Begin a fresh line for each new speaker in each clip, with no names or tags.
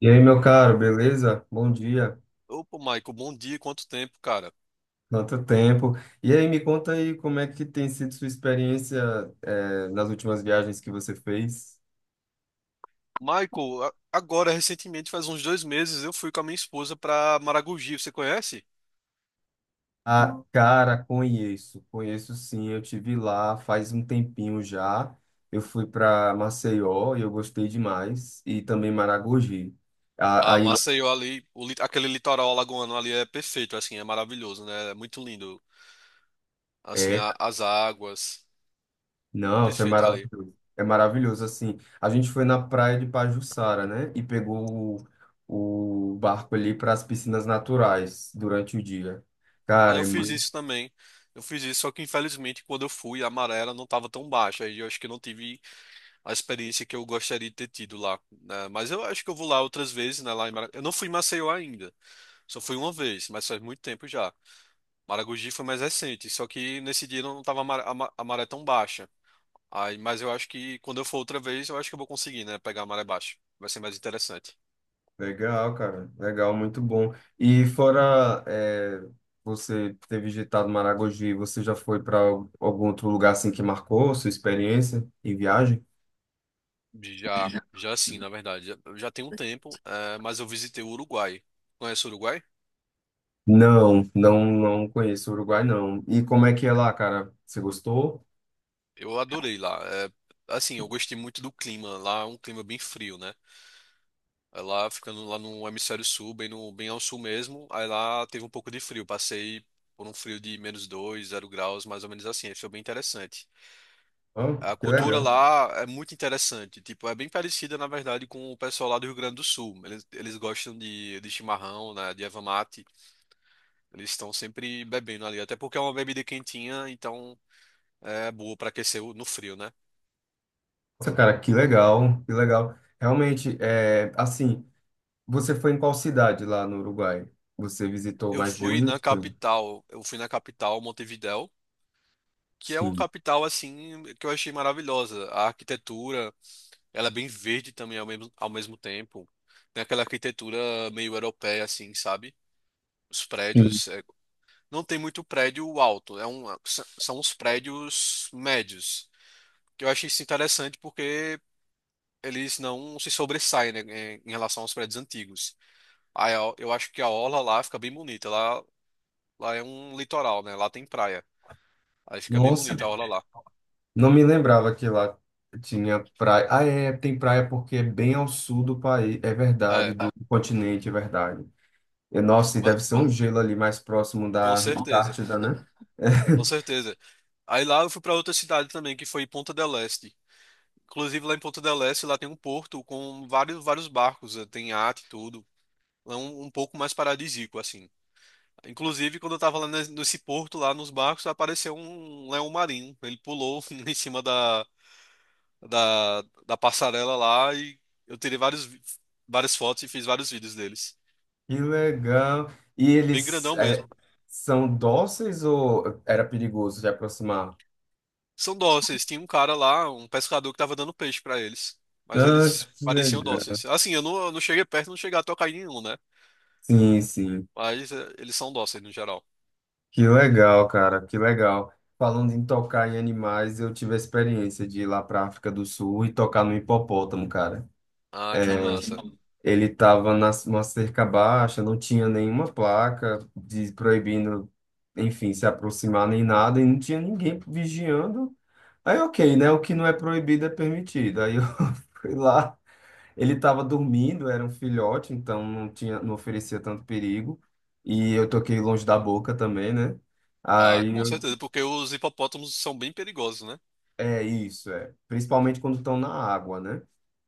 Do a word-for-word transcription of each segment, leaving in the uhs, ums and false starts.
E aí, meu caro, beleza? Bom dia.
Opa, Michael, bom dia, quanto tempo, cara?
Quanto tempo. E aí, me conta aí como é que tem sido sua experiência, eh, nas últimas viagens que você fez?
Michael, a- agora, recentemente, faz uns dois meses, eu fui com a minha esposa pra Maragogi, você conhece?
Ah, cara, conheço, conheço sim. Eu tive lá faz um tempinho já. Eu fui para Maceió e eu gostei demais. E também Maragogi. A-
Ah,
Aí, Ah,
Maceió ali, o li- aquele litoral alagoano ali é perfeito, assim, é maravilhoso, né? É muito lindo, assim,
é,
a- as águas, é
Nossa, é
perfeito ali.
maravilhoso. É maravilhoso, assim. A gente foi na praia de Pajuçara, né? E pegou o, o barco ali para as piscinas naturais durante o dia.
Ah,
Cara,
eu
é
fiz
muito
isso também, eu fiz isso, só que infelizmente quando eu fui, a maré ela não estava tão baixa, e eu acho que não tive a experiência que eu gostaria de ter tido lá, né? Mas eu acho que eu vou lá outras vezes, né, lá em Mara... Eu não fui em Maceió ainda. Só fui uma vez, mas faz muito tempo já. Maragogi foi mais recente, só que nesse dia não tava a mar- a ma- a maré tão baixa. Aí, mas eu acho que quando eu for outra vez, eu acho que eu vou conseguir, né? Pegar a maré baixa. Vai ser mais interessante.
legal, cara. Legal, muito bom. E fora, é, você ter visitado Maragogi, você já foi para algum outro lugar assim que marcou sua experiência em viagem?
Já, já sim, na verdade. Já, já tem um tempo, eh, mas eu visitei o Uruguai. Conhece o Uruguai?
Não, não, não conheço o Uruguai, não. E como é que é lá, cara? Você gostou?
Eu adorei lá. Eh, assim, eu gostei muito do clima. Lá é um clima bem frio, né? Aí lá, ficando lá no hemisfério sul, bem, no, bem ao sul mesmo, aí lá teve um pouco de frio. Passei por um frio de menos dois zero graus, mais ou menos assim. Aí foi bem interessante.
Ah,
A
que
cultura
legal.
lá é muito interessante. Tipo, é bem parecida, na verdade, com o pessoal lá do Rio Grande do Sul. Eles, eles gostam de, de chimarrão, né, de erva mate. Eles estão sempre bebendo ali, até porque é uma bebida quentinha, então é boa para aquecer o- no frio, né?
Nossa, cara, que legal, que legal. Realmente, é, assim, você foi em qual cidade lá no Uruguai? Você visitou
Eu
mais de Eu-
fui
um?
na
Foi?
capital, eu fui na capital, Montevidéu, que é uma
Sim.
capital assim que eu achei maravilhosa. A arquitetura, ela é bem verde também ao mesmo, ao mesmo tempo. Tem aquela arquitetura meio europeia assim, sabe? Os
Sim.
prédios, é, não tem muito prédio alto, é um, s- são os prédios médios. Que eu achei isso interessante porque eles não se sobressaem, né, em em relação aos prédios antigos. Aí a- eu acho que a orla lá fica bem bonita. Lá, lá é um litoral, né? Lá tem praia. Aí fica bem
Nossa,
bonita a orla lá.
não me lembrava que lá tinha praia. Ah, é, tem praia porque é bem ao sul do país, é verdade,
É,
do continente, é verdade. E, nossa, e
mas
deve ser um gelo ali mais próximo
com
da
certeza.
Antártida, né?
Com certeza. Aí lá eu fui para outra cidade também, que foi Ponta del Este. Inclusive lá em Ponta del Este, lá tem um porto com vários, vários barcos, eh, tem iate e tudo. É um, um pouco mais paradisíaco, assim. Inclusive, quando eu tava lá nes- nesse porto, lá nos barcos, apareceu um leão marinho. Ele pulou em cima da, da, da passarela lá e eu tirei vários, vi- várias fotos e fiz vários vídeos deles.
Que legal. E
Bem
eles
grandão
é,
mesmo.
são dóceis ou era perigoso de aproximar?
São dóceis. Tinha um cara lá, um pescador que tava dando peixe pra eles. Mas
Ah,
eles
que
pareciam
legal.
dóceis. Assim, eu não, eu não cheguei perto, não cheguei a tocar em nenhum, né?
Sim, sim.
Mas eh, eles são dóceis no geral.
Que legal, cara, que legal. Falando em tocar em animais, eu tive a experiência de ir lá para África do Sul e tocar no hipopótamo, cara.
Ah,
É,
que massa.
ele estava numa cerca baixa, não tinha nenhuma placa de proibindo, enfim, se aproximar nem nada, e não tinha ninguém vigiando. Aí, ok, né? O que não é proibido é permitido. Aí eu fui lá. Ele estava dormindo, era um filhote, então não tinha, não oferecia tanto perigo. E eu toquei longe da boca também, né?
Ah,
Aí
com
eu,
certeza, porque os hipopótamos são bem perigosos, né?
é isso, é. Principalmente quando estão na água, né?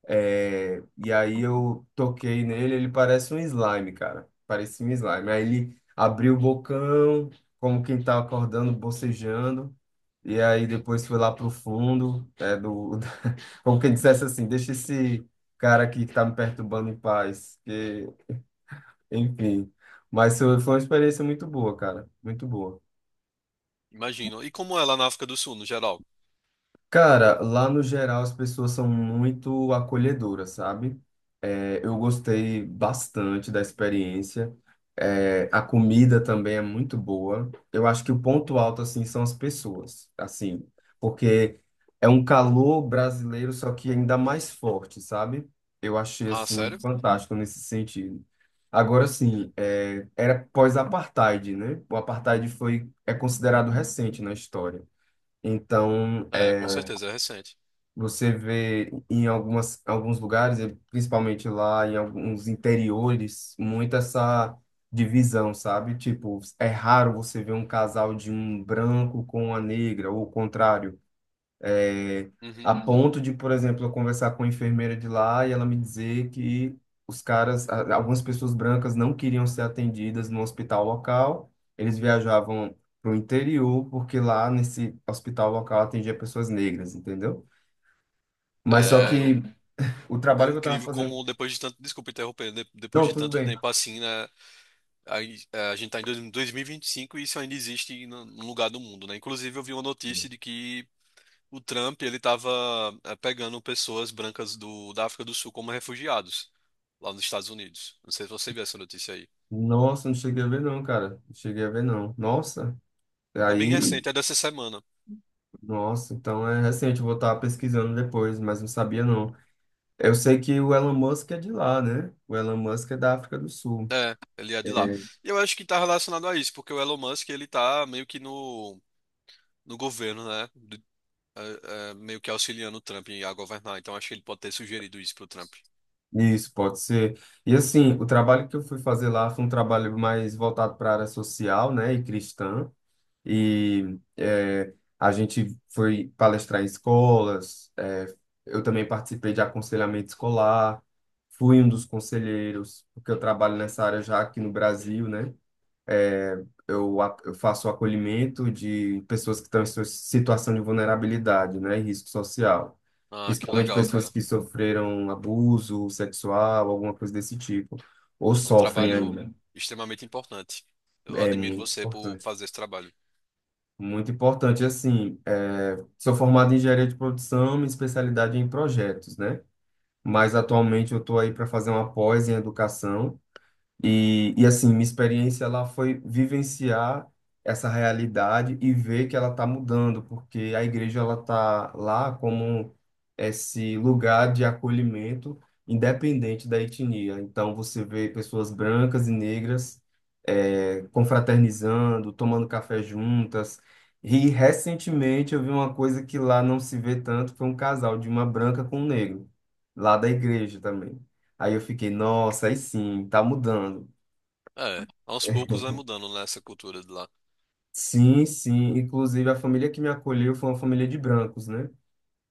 É, e aí eu toquei nele, ele parece um slime, cara. Parecia um slime. Aí ele abriu o bocão, como quem tá acordando, bocejando. E aí depois foi lá pro fundo, é, do, como quem dissesse assim, deixa esse cara aqui que tá me perturbando em paz, que enfim. Mas foi foi uma experiência muito boa, cara. Muito boa.
Imagino. E como é lá na África do Sul, no geral?
Cara, lá no geral as pessoas são muito acolhedoras, sabe? É, eu gostei bastante da experiência. É, a comida também é muito boa. Eu acho que o ponto alto, assim, são as pessoas, assim, porque é um calor brasileiro, só que ainda mais forte, sabe? Eu achei,
Ah,
assim,
sério?
fantástico nesse sentido. Agora, sim, é, era pós-apartheid, né? O apartheid foi, é considerado recente na história. Então,
É, com
é,
certeza, é recente.
você vê em algumas, alguns lugares, e principalmente lá em alguns interiores, muito essa divisão, sabe? Tipo, é raro você ver um casal de um branco com uma negra, ou o contrário. É, a
Uhum.
ponto de, por exemplo, eu conversar com a enfermeira de lá e ela me dizer que os caras, a- algumas pessoas brancas não queriam ser atendidas no hospital local, eles viajavam para o interior, porque lá nesse hospital local atendia pessoas negras, entendeu? Mas só
É, eu-
que o
é
trabalho que eu tava
incrível como
fazendo.
depois de tanto. Desculpa interromper, de- depois
Não,
de
tudo
tanto
bem.
tempo assim, né? A, a gente está em dois- 2025 e vinte e cinco e isso ainda existe no um lugar do mundo, né? Inclusive, eu vi uma notícia de que o Trump ele estava pegando pessoas brancas do, da África do Sul como refugiados lá nos Estados Unidos. Não sei se você viu essa notícia aí.
Nossa, não cheguei a ver, não, cara. Não cheguei a ver, não. Nossa.
É bem
Aí,
recente, é dessa semana.
nossa, então é recente. Eu vou estar pesquisando depois, mas não sabia, não. Eu sei que o Elon Musk é de lá, né? O Elon Musk é da África do Sul.
É, ele é de lá.
É,
E eu acho que está relacionado a isso, porque o Elon Musk ele está meio que no, no governo, né? Do- é, é, meio que auxiliando o Trump a governar. Então, acho que ele pode ter sugerido isso pro Trump.
isso, pode ser. E assim, o trabalho que eu fui fazer lá foi um trabalho mais voltado para a área social, né, e cristã. E é, a gente foi palestrar em escolas. É, eu também participei de aconselhamento escolar, fui um dos conselheiros, porque eu trabalho nessa área já aqui no Brasil, né? Eu, a- eu faço acolhimento de pessoas que estão em sua situação de vulnerabilidade, né, e risco social.
Ah, que
Principalmente
legal,
pessoas
cara.
que sofreram abuso sexual, alguma coisa desse tipo, ou
É um
sofrem uhum
trabalho
ainda.
extremamente importante. Eu
É
admiro
muito
você por
importante.
fazer esse trabalho.
Muito importante, assim, é, sou formado em engenharia de produção, minha especialidade é em projetos, né? Mas atualmente eu estou aí para fazer uma pós em educação, e, e assim, minha experiência lá foi vivenciar essa realidade e ver que ela está mudando, porque a igreja ela está lá como esse lugar de acolhimento independente da etnia. Então você vê pessoas brancas e negras eh, confraternizando, tomando café juntas. E recentemente eu vi uma coisa que lá não se vê tanto, foi um casal de uma branca com um negro, lá da igreja também. Aí eu fiquei, nossa, aí sim, tá mudando.
É, aos poucos vai mudando, né, essa cultura de lá.
Sim, sim. Inclusive, a família que me acolheu foi uma família de brancos, né?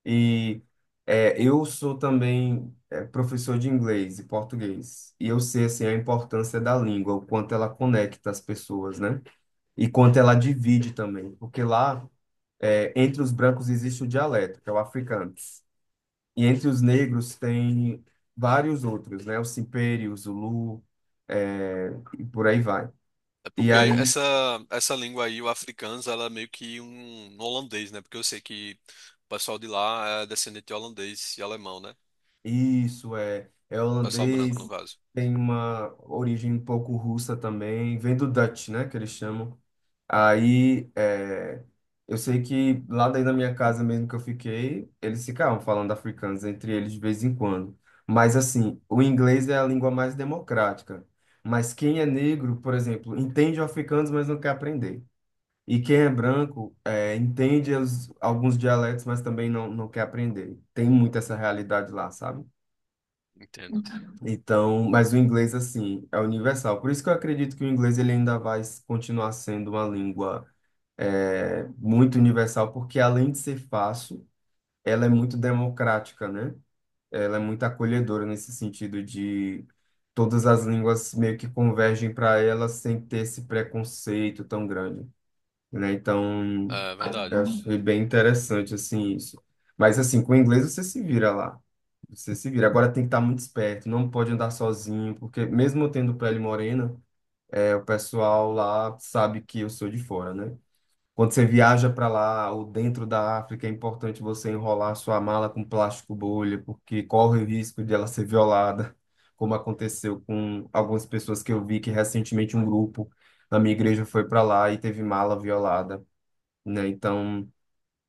E é, eu sou também é, professor de inglês e português. E eu sei, assim, a importância da língua, o quanto ela conecta as pessoas, né? E quanto ela divide também. Porque lá, é, entre os brancos, existe o dialeto, que é o africano. E entre os negros tem vários outros, né? O simperi, o zulu, é, e por aí vai.
É
E
porque
aí
essa, essa língua aí, o afrikaans, ela é meio que um um holandês, né? Porque eu sei que o pessoal de lá é descendente de holandês e alemão, né?
isso é, é
O pessoal branco, no
holandês,
caso.
tem uma origem um pouco russa também, vem do Dutch, né, que eles chamam. Aí, é, eu sei que lá daí na minha casa mesmo que eu fiquei, eles ficavam falando africanos entre eles de vez em quando. Mas assim, o inglês é a língua mais democrática. Mas quem é negro, por exemplo, entende o africano, mas não quer aprender. E quem é branco, é, entende os- alguns dialetos, mas também não, não quer aprender. Tem muito essa realidade lá, sabe?
Entendo.
Então, mas o inglês, assim, é universal. Por isso que eu acredito que o inglês ele ainda vai continuar sendo uma língua é, muito universal, porque além de ser fácil, ela é muito democrática, né? Ela é muito acolhedora nesse sentido de todas as línguas meio que convergem para ela sem ter esse preconceito tão grande, né? Então,
É verdade.
eu achei bem interessante, assim, isso. Mas, assim, com o inglês você se vira lá. Você se vira. Agora tem que estar muito esperto, não pode andar sozinho, porque mesmo eu tendo pele morena, é, o pessoal lá sabe que eu sou de fora, né? Quando você viaja para lá ou dentro da África, é importante você enrolar sua mala com plástico bolha, porque corre o risco de ela ser violada, como aconteceu com algumas pessoas que eu vi que recentemente um grupo na minha igreja foi para lá e teve mala violada, né? Então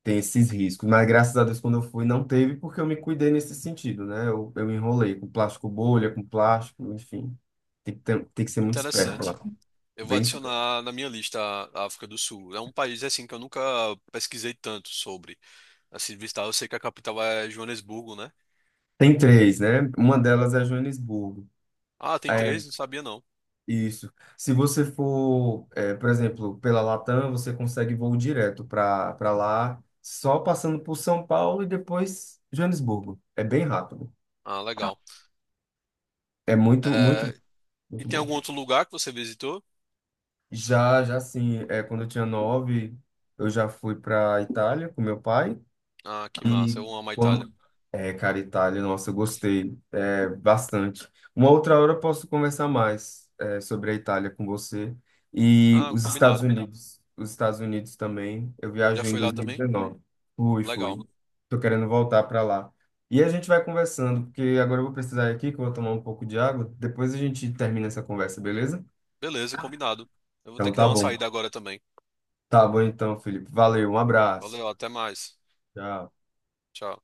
tem esses riscos. Mas graças a Deus, quando eu fui, não teve, porque eu me cuidei nesse sentido, né? Eu, eu enrolei com plástico bolha, com plástico, enfim. Tem que, ter- tem que ser muito esperto
Interessante.
lá.
Eu vou
Bem esperto.
adicionar na minha lista a África do Sul. É um país, assim, que eu nunca pesquisei tanto sobre. Assim, de visitar, eu sei que a capital é Joanesburgo, né?
Tem três, né? Uma delas é Joanesburgo.
Ah, tem
É,
três? Não sabia, não.
isso. Se você for, é, por exemplo, pela Latam, você consegue voo direto para para lá, só passando por São Paulo e depois Joanesburgo. É bem rápido.
Ah, legal.
É muito, muito,
É, e
muito
tem
bom.
algum outro lugar que você visitou?
Já, já sim. É, quando eu tinha nove, eu já fui para Itália com meu pai.
Ah, que
E
massa. Eu amo a Itália.
quando. É, cara, Itália, nossa, eu gostei é, bastante. Uma outra hora eu posso conversar mais é, sobre a Itália com você. E
Ah,
os Estados
combinado.
Unidos. Os Estados Unidos também. Eu
Já
viajei em
foi lá também?
dois mil e dezenove. Fui, fui.
Legal.
Tô querendo voltar para lá. E a gente vai conversando, porque agora eu vou precisar ir aqui, que eu vou tomar um pouco de água. Depois a gente termina essa conversa, beleza?
Beleza, combinado. Eu vou ter
Então
que dar
tá
uma
bom.
saída agora também.
Tá bom então, Felipe. Valeu, um abraço.
Valeu, até mais.
Tchau.
Tchau.